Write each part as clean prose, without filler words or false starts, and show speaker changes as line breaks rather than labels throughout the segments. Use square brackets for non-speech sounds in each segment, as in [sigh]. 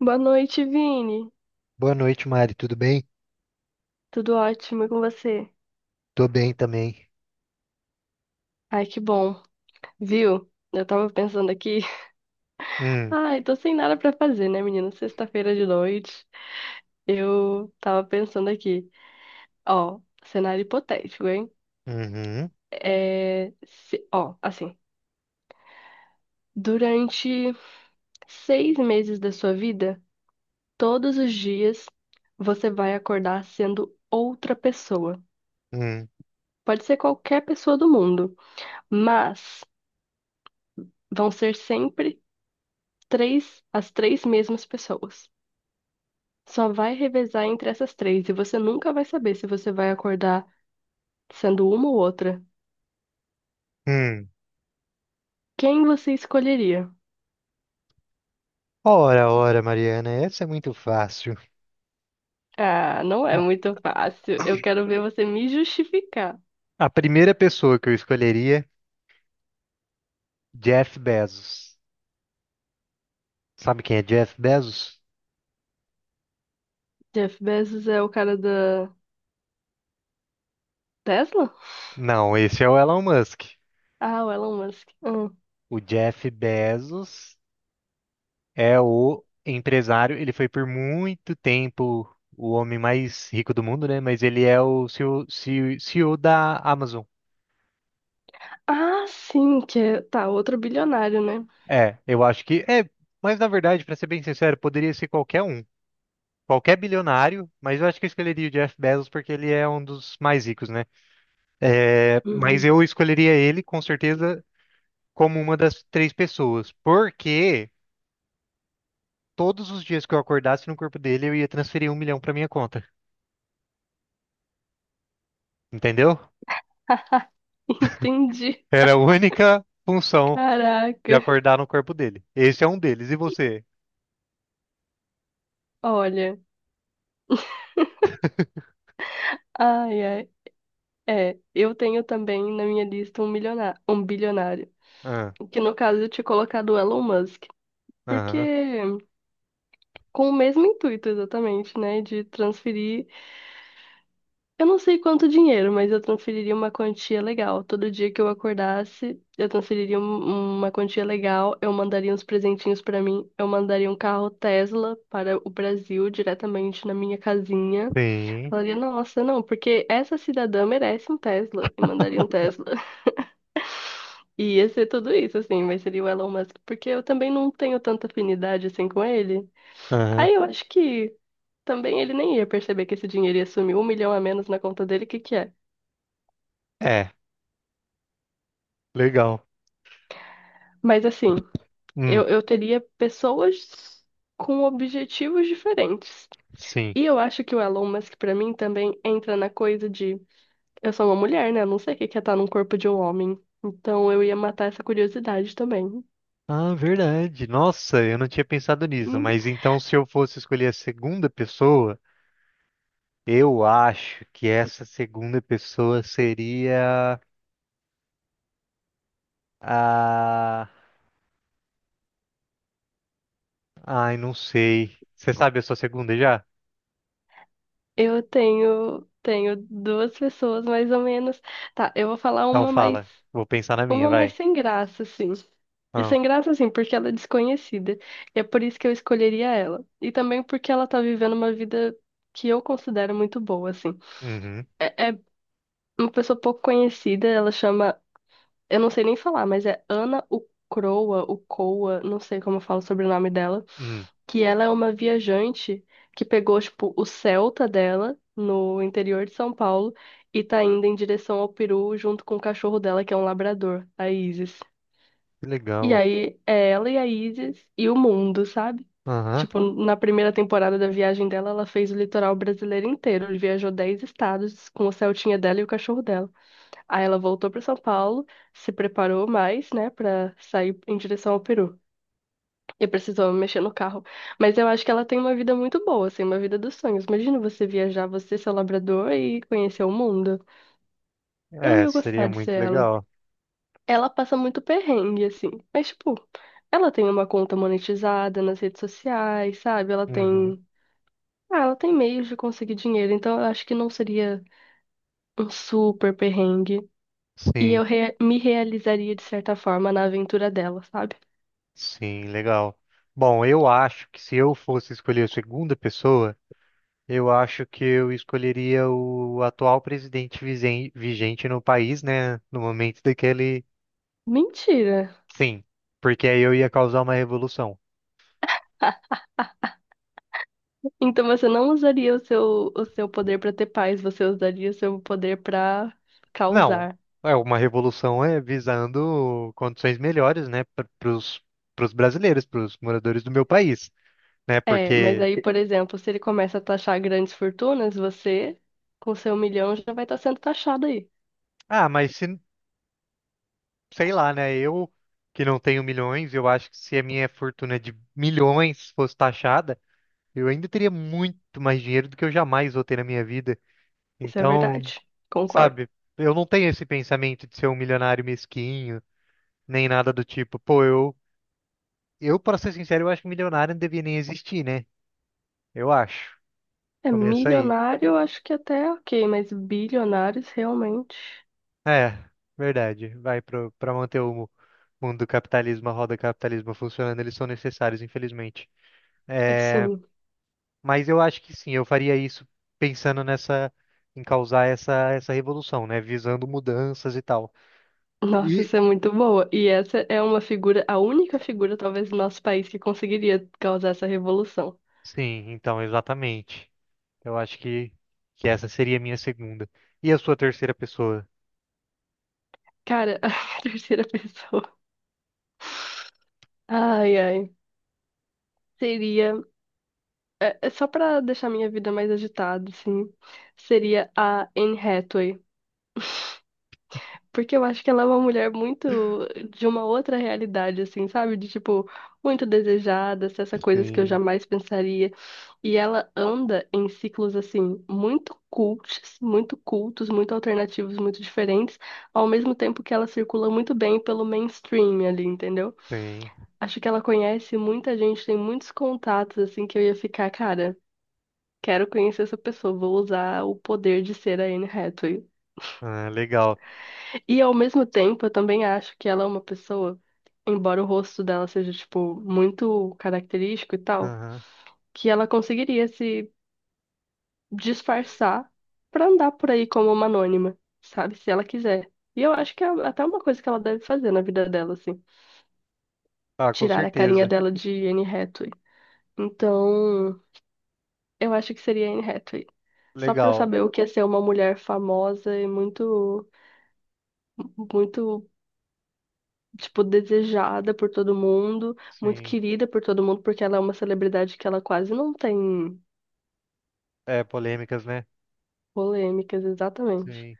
Boa noite, Vini.
Boa noite, Mari. Tudo bem?
Tudo ótimo e com você?
Tô bem também.
Ai, que bom. Viu? Eu tava pensando aqui. [laughs]
Hum,
Ai, tô sem nada pra fazer, né, menino? Sexta-feira de noite. Eu tava pensando aqui. Ó, cenário hipotético, hein?
uhum,
Ó, assim. Durante 6 meses da sua vida, todos os dias, você vai acordar sendo outra pessoa.
hum,
Pode ser qualquer pessoa do mundo, mas vão ser sempre três, as três mesmas pessoas. Só vai revezar entre essas três e você nunca vai saber se você vai acordar sendo uma ou outra.
hum.
Quem você escolheria?
Ora, ora, Mariana, essa é muito fácil.
Ah, não é
A
muito fácil. Eu quero ver você me justificar.
a primeira pessoa que eu escolheria, Jeff Bezos. Sabe quem é Jeff Bezos?
Jeff Bezos é o cara da Tesla?
Não, esse é o Elon Musk.
Ah, o Elon Musk. Hum.
O Jeff Bezos é o empresário. Ele foi por muito tempo o homem mais rico do mundo, né? Mas ele é o CEO, CEO da Amazon.
Ah, sim, que tá, outro bilionário, né?
É, eu acho que é, mas na verdade, pra ser bem sincero, poderia ser qualquer um, qualquer bilionário, mas eu acho que eu escolheria o Jeff Bezos porque ele é um dos mais ricos, né? É, mas
Uhum.
eu escolheria ele com certeza como uma das três pessoas, porque todos os dias que eu acordasse no corpo dele, eu ia transferir um milhão pra minha conta, entendeu?
[laughs] Entendi.
Era a única função de
Caraca.
acordar no corpo dele. Esse é um deles. E você?
Olha.
[laughs]
Ai, ai. É, eu tenho também na minha lista um milionário, um bilionário,
Ah,
que no caso eu tinha colocado o Elon Musk, porque
aham,
com o mesmo intuito exatamente, né, de transferir, eu não sei quanto dinheiro, mas eu transferiria uma quantia legal. Todo dia que eu acordasse, eu transferiria uma quantia legal, eu mandaria uns presentinhos pra mim, eu mandaria um carro Tesla para o Brasil diretamente na minha casinha.
sim,
Falaria, nossa, não, porque essa cidadã merece um Tesla e mandaria um
[laughs]
Tesla. E ia ser tudo isso, assim, mas seria o Elon Musk, porque eu também não tenho tanta afinidade assim com ele.
aham,
Aí eu acho que também ele nem ia perceber que esse dinheiro ia sumir um milhão a menos na conta dele, que é?
é, legal.
Mas assim, eu,
Hum,
eu teria pessoas com objetivos diferentes.
sim.
E eu acho que o Elon Musk, pra mim, também entra na coisa de eu sou uma mulher, né? Eu não sei o que que é estar num corpo de um homem. Então eu ia matar essa curiosidade também.
Ah, verdade. Nossa, eu não tinha pensado nisso, mas então se eu fosse escolher a segunda pessoa, eu acho que essa segunda pessoa seria a. Ai, não sei. Você sabe a sua segunda já?
Eu tenho, tenho duas pessoas mais ou menos. Tá, eu vou falar
Então fala. Vou pensar na minha,
uma mais
vai.
sem graça, assim. E
Ah,
sem graça, assim, porque ela é desconhecida. E é por isso que eu escolheria ela. E também porque ela tá vivendo uma vida que eu considero muito boa, assim.
uhum,
É, é uma pessoa pouco conhecida, ela chama eu não sei nem falar, mas é Ana Ucroa, Ucoa, não sei como eu falo sobre o sobrenome dela,
hum,
que ela é uma viajante que pegou, tipo, o Celta dela no interior de São Paulo e tá indo em direção ao Peru junto com o cachorro dela, que é um labrador, a Isis.
que
E
legal.
aí é ela e a Isis e o mundo, sabe?
Aham.
Tipo, na primeira temporada da viagem dela, ela fez o litoral brasileiro inteiro. Viajou 10 estados com o Celtinha dela e o cachorro dela. Aí ela voltou para São Paulo, se preparou mais, né, para sair em direção ao Peru. E precisou mexer no carro. Mas eu acho que ela tem uma vida muito boa, assim, uma vida dos sonhos. Imagina você viajar, você ser labrador e conhecer o mundo. Eu
É,
ia
seria
gostar de ser
muito
ela.
legal.
Ela passa muito perrengue, assim. Mas, tipo, ela tem uma conta monetizada nas redes sociais, sabe? Ela
Uhum.
tem. Ah, ela tem meios de conseguir dinheiro, então eu acho que não seria um super perrengue. E
Sim,
eu re- me realizaria de certa forma na aventura dela, sabe?
sim, legal. Bom, eu acho que se eu fosse escolher a segunda pessoa. Eu acho que eu escolheria o atual presidente vigente no país, né? No momento daquele.
Mentira!
Sim, porque aí eu ia causar uma revolução.
[laughs] Então você não usaria o seu poder pra ter paz, você usaria o seu poder pra
Não,
causar.
é uma revolução é visando condições melhores, né? Para os brasileiros, para os moradores do meu país, né?
É, mas
Porque.
aí, por exemplo, se ele começa a taxar grandes fortunas, você, com seu milhão, já vai estar sendo taxado aí.
Ah, mas se, sei lá, né? Eu que não tenho milhões, eu acho que se a minha fortuna de milhões fosse taxada, eu ainda teria muito mais dinheiro do que eu jamais vou ter na minha vida.
Isso é
Então.
verdade. Concordo.
Sabe? Eu não tenho esse pensamento de ser um milionário mesquinho, nem nada do tipo. Pô, eu, para ser sincero, eu acho que milionário não devia nem existir, né? Eu acho.
É,
Começa aí.
milionário, eu acho que até é ok, mas bilionários realmente,
É, verdade. Vai pro, para manter o mundo do capitalismo, a roda do capitalismo funcionando, eles são necessários, infelizmente. É,
assim.
mas eu acho que sim, eu faria isso pensando nessa, em causar essa revolução, né? Visando mudanças e tal.
Nossa,
E
isso é muito boa. E essa é uma figura, a única figura, talvez, do nosso país que conseguiria causar essa revolução.
sim, então, exatamente. Eu acho que essa seria a minha segunda. E a sua terceira pessoa?
Cara, [laughs] a terceira pessoa. Ai, ai. Seria. É, é só pra deixar minha vida mais agitada, assim. Seria a Anne Hathaway. [laughs] Porque eu acho que ela é uma mulher muito de uma outra realidade, assim, sabe? De tipo, muito desejada, essas coisas que eu
Sim,
jamais pensaria. E ela anda em ciclos, assim, muito cults, muito cultos, muito alternativos, muito diferentes, ao mesmo tempo que ela circula muito bem pelo mainstream ali, entendeu?
sim.
Acho que ela conhece muita gente, tem muitos contatos, assim, que eu ia ficar, cara, quero conhecer essa pessoa, vou usar o poder de ser a Anne Hathaway.
Ah, legal.
E ao mesmo tempo, eu também acho que ela é uma pessoa, embora o rosto dela seja, tipo, muito característico e tal,
Aham.
que ela conseguiria se disfarçar pra andar por aí como uma anônima, sabe? Se ela quiser. E eu acho que é até uma coisa que ela deve fazer na vida dela, assim,
Ah, com
tirar a carinha
certeza.
dela de Anne Hathaway. Então. Eu acho que seria Anne Hathaway. Só pra eu
Legal.
saber o que é ser uma mulher famosa e muito, muito, tipo, desejada por todo mundo, muito
Sim.
querida por todo mundo, porque ela é uma celebridade que ela quase não tem
É, polêmicas, né?
polêmicas, exatamente.
Sim.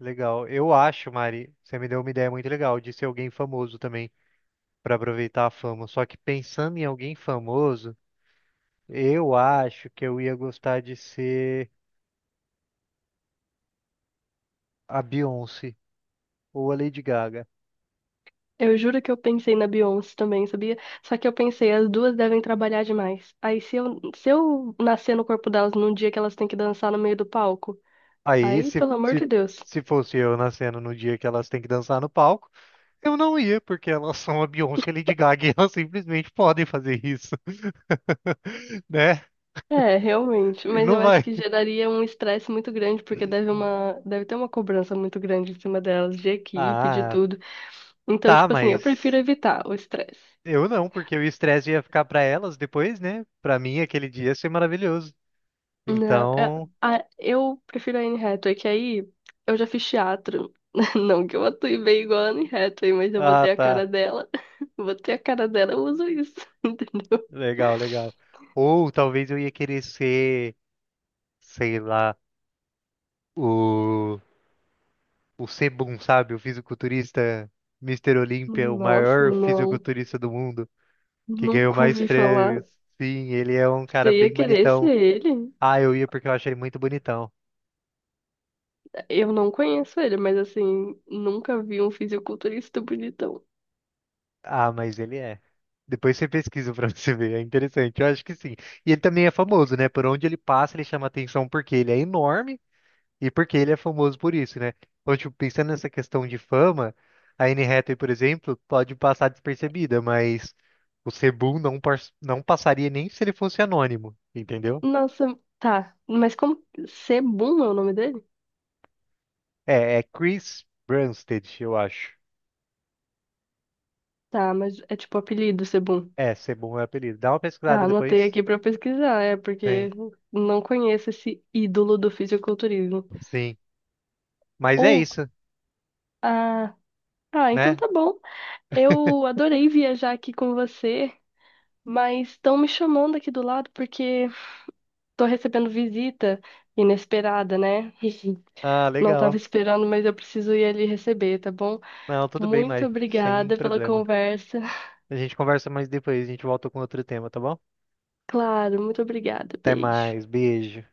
Legal. Eu acho, Mari, você me deu uma ideia muito legal de ser alguém famoso também, para aproveitar a fama. Só que pensando em alguém famoso, eu acho que eu ia gostar de ser a Beyoncé ou a Lady Gaga.
Eu juro que eu pensei na Beyoncé também, sabia? Só que eu pensei, as duas devem trabalhar demais. Aí se eu nascer no corpo delas num dia que elas têm que dançar no meio do palco,
Aí,
aí, pelo amor de Deus.
se fosse eu nascendo no dia que elas têm que dançar no palco, eu não ia, porque elas são a Beyoncé e a Lady Gaga [laughs] e elas simplesmente podem fazer isso, [laughs] né?
É, realmente,
E
mas
não
eu acho
vai.
que geraria um estresse muito grande, porque
[laughs]
deve ter uma cobrança muito grande em cima delas, de equipe, de
Ah,
tudo. Então,
tá,
tipo assim, eu prefiro
mas
evitar o estresse.
eu não, porque o estresse ia ficar pra elas depois, né? Pra mim, aquele dia ia ser maravilhoso.
Não, é-
Então,
a- Eu prefiro a Anne Hathaway, que aí eu já fiz teatro. [laughs] Não que eu atue bem igual a Anne Hathaway, mas eu
ah,
botei a
tá.
cara dela, [laughs] botei a cara dela, eu uso isso, [laughs] entendeu?
Legal, legal. Ou talvez eu ia querer ser, sei lá, o o Sebum, sabe? O fisiculturista Mister Olímpia, o
Nossa,
maior
não,
fisiculturista do mundo, que ganhou
nunca
mais
ouvi falar.
prêmios. Sim, ele é um cara
Você ia
bem
querer ser
bonitão.
ele?
Ah, eu ia porque eu achei ele muito bonitão.
Eu não conheço ele, mas assim, nunca vi um fisiculturista bonitão.
Ah, mas ele é. Depois você pesquisa pra [laughs] você ver, é interessante. Eu acho que sim. E ele também é famoso, né? Por onde ele passa, ele chama atenção porque ele é enorme. E porque ele é famoso por isso, né? Então, tipo, pensando nessa questão de fama, a Anne Hathaway, por exemplo, pode passar despercebida, mas o Sebum não, não passaria nem se ele fosse anônimo, entendeu?
Nossa, tá. Mas como. Sebum é o nome dele?
É, é Chris Brunstad, eu acho.
Tá, mas é tipo apelido Sebum.
É, Sebum é o apelido. Dá uma
Tá,
pesquisada
anotei
depois.
aqui pra pesquisar, é,
Sim,
porque não conheço esse ídolo do fisiculturismo.
sim. Mas é
Ou.
isso,
Ah, ah, então
né?
tá bom. Eu
[laughs]
adorei viajar aqui com você, mas estão me chamando aqui do lado porque tô recebendo visita inesperada, né?
Ah,
[laughs] Não tava
legal.
esperando, mas eu preciso ir ali receber, tá bom?
Não, tudo bem,
Muito
Mari. Sem
obrigada pela
problema.
conversa. [laughs]
A gente conversa mais depois, a gente volta com outro tema, tá bom?
Claro, muito obrigada.
Até
Beijo.
mais, beijo.